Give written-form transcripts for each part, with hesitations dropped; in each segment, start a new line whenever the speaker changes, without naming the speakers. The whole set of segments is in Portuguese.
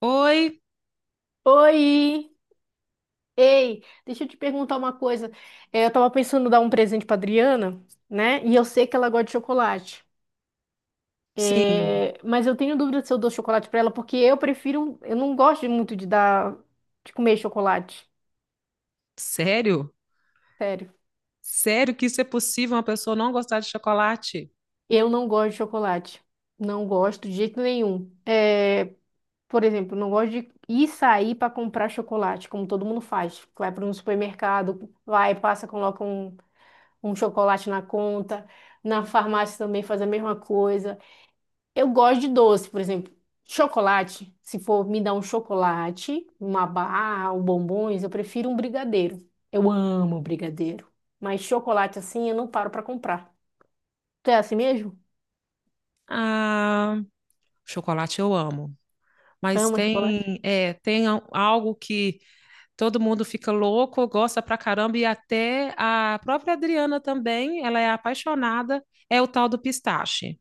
Oi?
Oi! Ei, deixa eu te perguntar uma coisa. É, eu tava pensando em dar um presente pra Adriana, né? E eu sei que ela gosta de chocolate.
Sim.
É, mas eu tenho dúvida se eu dou chocolate pra ela, porque eu prefiro. Eu não gosto muito de dar, de comer chocolate.
Sério?
Sério.
Sério que isso é possível, uma pessoa não gostar de chocolate?
Eu não gosto de chocolate. Não gosto de jeito nenhum. É, por exemplo, não gosto de ir sair para comprar chocolate, como todo mundo faz. Vai para um supermercado, vai, passa, coloca um. Um chocolate na conta. Na farmácia também faz a mesma coisa. Eu gosto de doce, por exemplo, chocolate. Se for me dar um chocolate, uma barra, um bombons, eu prefiro um brigadeiro. Eu amo brigadeiro. Mas chocolate assim eu não paro pra comprar. Tu é assim mesmo?
Ah, chocolate eu amo. Mas
Ama chocolate?
tem, tem algo que todo mundo fica louco, gosta pra caramba, e até a própria Adriana também, ela é apaixonada, é o tal do pistache.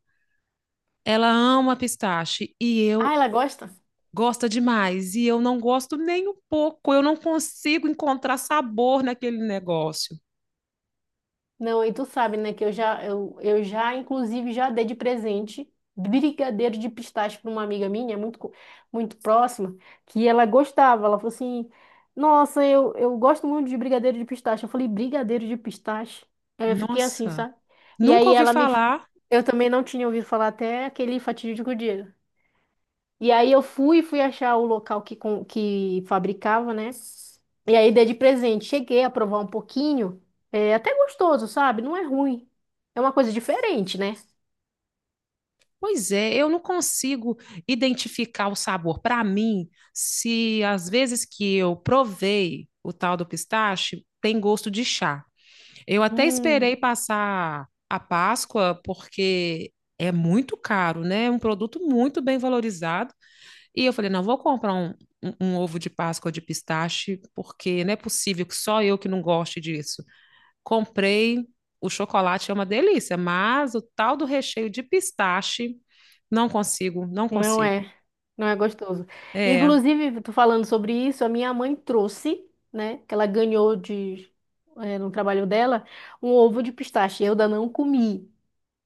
Ela ama pistache e
Ah,
eu
ela gosta?
gosto demais, e eu não gosto nem um pouco, eu não consigo encontrar sabor naquele negócio.
Não, e tu sabe, né, que eu já, inclusive, já dei de presente brigadeiro de pistache para uma amiga minha, muito, muito próxima, que ela gostava. Ela falou assim: Nossa, eu gosto muito de brigadeiro de pistache. Eu falei: Brigadeiro de pistache? Aí eu fiquei assim,
Nossa.
sabe? E
Nunca
aí
ouvi
ela me.
falar.
Eu também não tinha ouvido falar até aquele fatídico dia. E aí fui achar o local que fabricava, né? E aí dei de presente. Cheguei a provar um pouquinho. É até gostoso, sabe? Não é ruim. É uma coisa diferente, né?
Pois é, eu não consigo identificar o sabor. Para mim, se às vezes que eu provei o tal do pistache, tem gosto de chá. Eu até esperei
Hum,
passar a Páscoa, porque é muito caro, né? É um produto muito bem valorizado. E eu falei, não, vou comprar um ovo de Páscoa de pistache, porque não é possível que só eu que não goste disso. Comprei, o chocolate é uma delícia, mas o tal do recheio de pistache, não consigo, não
não
consigo.
é. Não é gostoso.
É,
Inclusive, tô falando sobre isso, a minha mãe trouxe, né? Que ela ganhou no trabalho dela, um ovo de pistache. Eu ainda não comi.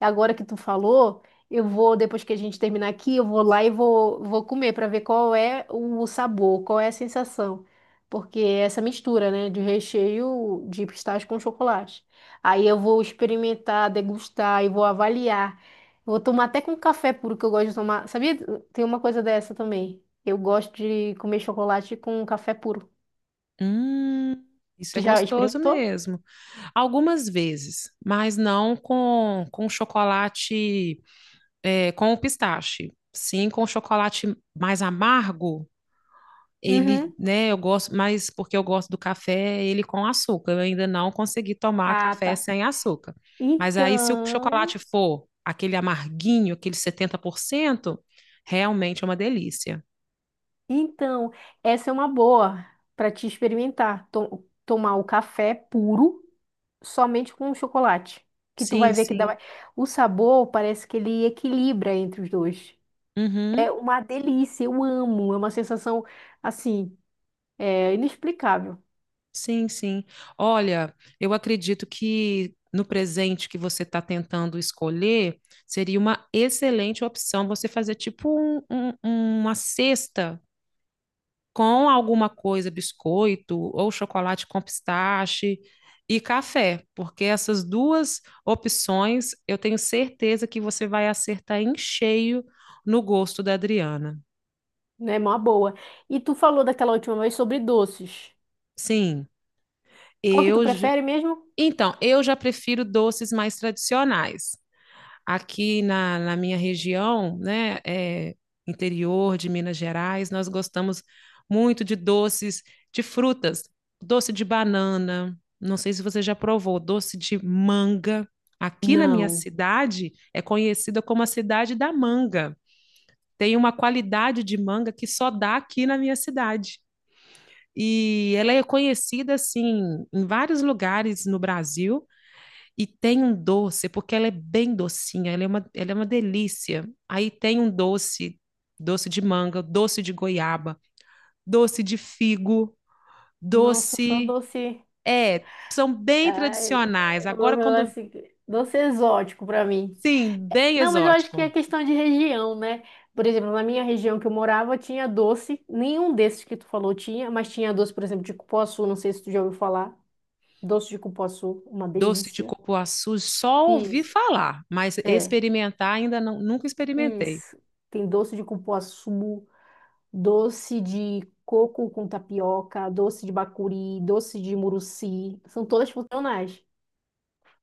Agora que tu falou, eu vou, depois que a gente terminar aqui, eu vou lá e vou comer para ver qual é o sabor, qual é a sensação. Porque é essa mistura, né, de recheio de pistache com chocolate. Aí eu vou experimentar, degustar e vou avaliar. Vou tomar até com café puro, que eu gosto de tomar. Sabia? Tem uma coisa dessa também. Eu gosto de comer chocolate com café puro.
hum, isso é
Tu já
gostoso
experimentou?
mesmo. Algumas vezes, mas não com, com chocolate, é, com o pistache. Sim, com chocolate mais amargo, ele,
Uhum.
né, eu gosto mais porque eu gosto do café, ele com açúcar. Eu ainda não consegui tomar
Ah,
café
tá.
sem açúcar. Mas aí, se o
Então.
chocolate for aquele amarguinho, aquele 70% realmente é uma delícia.
Então, essa é uma boa para te experimentar. To- tomar o café puro somente com o chocolate. Que tu vai
Sim,
ver que dá.
sim.
mais- O sabor parece que ele equilibra entre os dois. É
Uhum.
uma delícia, eu amo. É uma sensação assim, é inexplicável,
Sim, sim. Olha, eu acredito que no presente que você está tentando escolher, seria uma excelente opção você fazer tipo uma cesta com alguma coisa, biscoito ou chocolate com pistache e café, porque essas duas opções eu tenho certeza que você vai acertar em cheio no gosto da Adriana.
né? Uma boa. E tu falou daquela última vez sobre doces.
Sim,
Qual que tu
eu já...
prefere mesmo?
Então, eu já prefiro doces mais tradicionais. Aqui na minha região, né, é, interior de Minas Gerais, nós gostamos muito de doces de frutas, doce de banana. Não sei se você já provou, doce de manga. Aqui na minha
Não.
cidade é conhecida como a cidade da manga. Tem uma qualidade de manga que só dá aqui na minha cidade. E ela é conhecida assim em vários lugares no Brasil, e tem um doce, porque ela é bem docinha, ela é uma delícia. Aí tem um doce, doce de manga, doce de goiaba, doce de figo,
Nossa, só
doce.
doce.
É, são bem
Ai,
tradicionais. Agora, quando.
assim, doce exótico para mim.
Sim, bem
Não, mas eu acho que
exótico.
é questão de região, né? Por exemplo, na minha região que eu morava, tinha doce. Nenhum desses que tu falou tinha, mas tinha doce, por exemplo, de cupuaçu. Não sei se tu já ouviu falar. Doce de cupuaçu, uma
Doce de
delícia.
cupuaçu, só ouvi
Isso,
falar, mas
é,
experimentar ainda não, nunca experimentei.
isso. Tem doce de cupuaçu, doce de coco com tapioca, doce de bacuri, doce de muruci. São todas funcionais.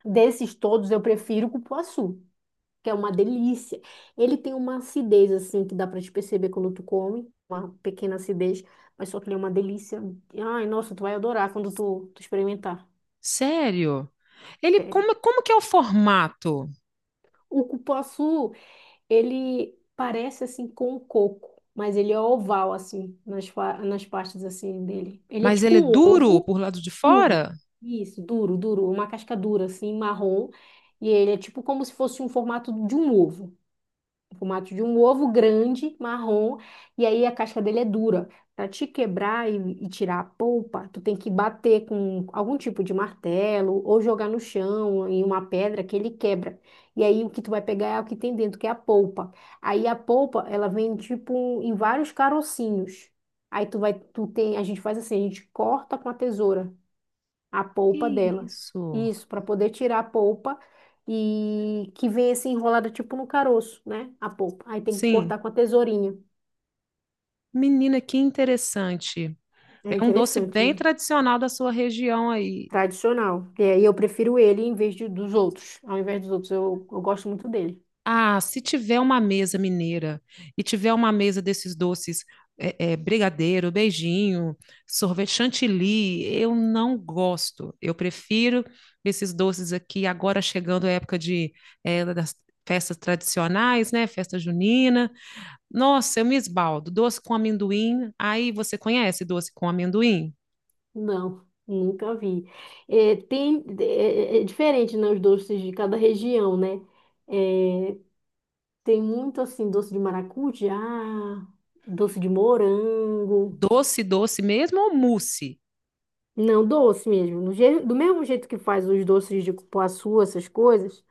Desses todos, eu prefiro cupuaçu, que é uma delícia. Ele tem uma acidez, assim, que dá pra te perceber quando tu come, uma pequena acidez, mas só que ele é uma delícia. Ai, nossa, tu vai adorar quando tu experimentar,
Sério? Ele
sério.
como, como que é o formato?
O cupuaçu, ele parece, assim, com o coco, mas ele é oval, assim, nas partes, assim, dele. Ele é
Mas
tipo
ele é
um
duro
ovo
por lado de
duro.
fora?
Isso, duro, duro, uma casca dura, assim, marrom. E ele é tipo como se fosse um formato de um ovo. O formato de um ovo grande, marrom, e aí a casca dele é dura. Para te quebrar e tirar a polpa, tu tem que bater com algum tipo de martelo ou jogar no chão em uma pedra que ele quebra. E aí o que tu vai pegar é o que tem dentro, que é a polpa. Aí a polpa, ela vem tipo em vários carocinhos. Aí tu tem, a gente faz assim, a gente corta com a tesoura a
Que
polpa dela.
isso?
Isso, para poder tirar a polpa e que vem assim enrolada tipo no caroço, né? A polpa. Aí tem que
Sim.
cortar com a tesourinha.
Menina, que interessante.
É
É um doce
interessante
bem
mesmo.
tradicional da sua região aí.
Tradicional. E aí eu prefiro ele dos outros. Ao invés dos outros, eu gosto muito dele.
Ah, se tiver uma mesa mineira e tiver uma mesa desses doces, brigadeiro, beijinho, sorvete chantilly, eu não gosto. Eu prefiro esses doces aqui, agora chegando a época de, é, das festas tradicionais, né? Festa junina. Nossa, eu me esbaldo. Doce com amendoim. Aí você conhece doce com amendoim?
Não, nunca vi. É, tem, é, é é diferente, né, os doces de cada região, né? É, tem muito assim, doce de maracujá, doce de morango.
Doce mesmo ou mousse?
Não, doce mesmo. Do mesmo jeito que faz os doces de cupuaçu, essas coisas,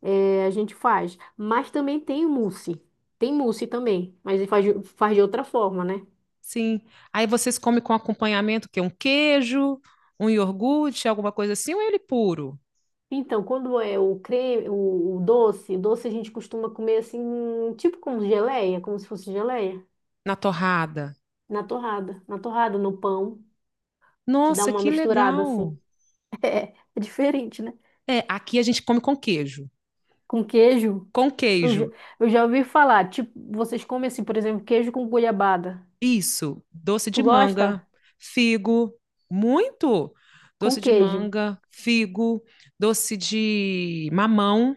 a gente faz. Mas também tem o mousse. Tem mousse também, mas ele faz de outra forma, né?
Sim. Aí vocês comem com acompanhamento, que é um queijo, um iogurte, alguma coisa assim, ou é ele puro,
Então, quando é o creme, o doce, doce a gente costuma comer assim, tipo como geleia, como se fosse geleia,
na torrada?
na torrada. Na torrada, no pão, te dá
Nossa,
uma
que
misturada
legal!
assim. É diferente, né?
É, aqui a gente come com queijo.
Com queijo.
Com
Eu já,
queijo,
eu já ouvi falar, tipo, vocês comem assim, por exemplo, queijo com goiabada.
isso, doce de
Tu
manga,
gosta?
figo, muito!
Com
Doce de
queijo,
manga, figo, doce de mamão,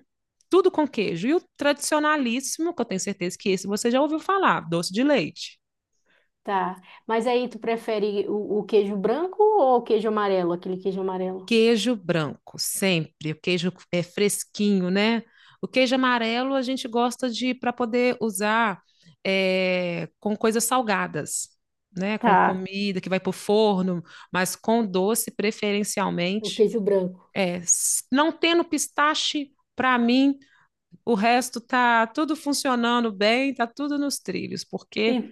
tudo com queijo. E o tradicionalíssimo, que eu tenho certeza que esse você já ouviu falar, doce de leite.
tá. Mas aí tu prefere o queijo branco ou o queijo amarelo? Aquele queijo amarelo.
Queijo branco, sempre. O queijo é fresquinho, né? O queijo amarelo a gente gosta de para poder usar é, com coisas salgadas, né? Com
Tá.
comida que vai para o forno, mas com doce
O
preferencialmente.
queijo branco.
É, não tendo pistache, para mim, o resto tá tudo funcionando bem, tá tudo nos trilhos, porque
E-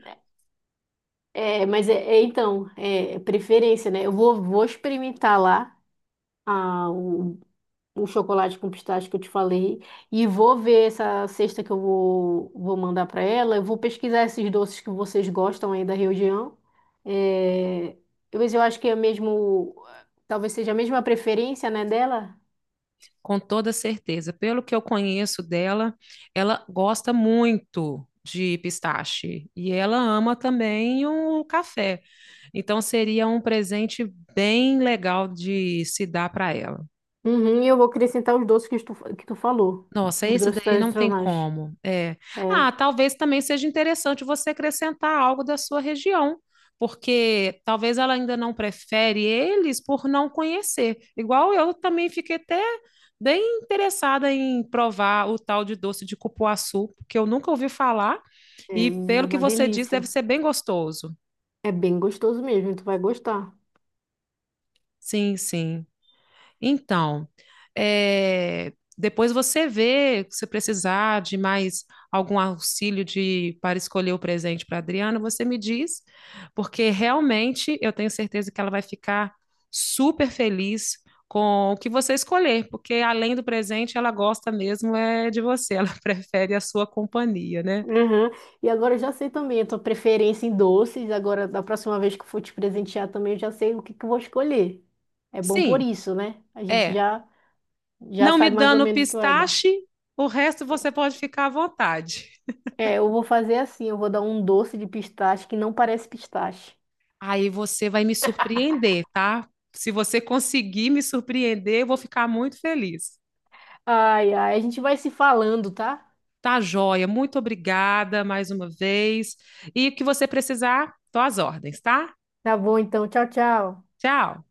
então, é preferência, né? Vou experimentar lá a, o, o chocolate com pistache que eu te falei e vou ver essa cesta que vou mandar para ela. Eu vou pesquisar esses doces que vocês gostam aí da região. É, mas eu acho que é mesmo, talvez seja a mesma preferência, né, dela.
com toda certeza. Pelo que eu conheço dela, ela gosta muito de pistache e ela ama também o café. Então seria um presente bem legal de se dar para ela.
Uhum, e eu vou acrescentar os doces que tu falou.
Nossa,
Os
esse
doces
daí não tem
tradicionais.
como. É.
É,
Ah, talvez também seja interessante você acrescentar algo da sua região, porque talvez ela ainda não prefere eles por não conhecer. Igual eu também fiquei até bem interessada em provar o tal de doce de cupuaçu, que eu nunca ouvi falar, e
menina,
pelo
é
que
uma
você diz, deve
delícia.
ser bem gostoso.
É bem gostoso mesmo, tu vai gostar.
Sim, sim. Então, é, depois você vê se precisar de mais algum auxílio de para escolher o presente para a Adriana, você me diz, porque realmente eu tenho certeza que ela vai ficar super feliz com o que você escolher, porque além do presente, ela gosta mesmo é de você, ela prefere a sua companhia, né?
Uhum. E agora eu já sei também a tua preferência em doces. Agora, da próxima vez que eu for te presentear também, eu já sei o que que eu vou escolher. É bom por
Sim,
isso, né? A gente
é.
já, já
Não me
sabe mais ou
dando
menos o que vai dar.
pistache, o resto você pode ficar à vontade.
Eu vou fazer assim, eu vou dar um doce de pistache que não parece pistache.
Aí você vai me surpreender, tá? Se você conseguir me surpreender, eu vou ficar muito feliz.
Ai, ai, a gente vai se falando, tá?
Tá, joia? Muito obrigada mais uma vez. E o que você precisar, tô às ordens, tá?
Tá bom, então. Tchau, tchau.
Tchau.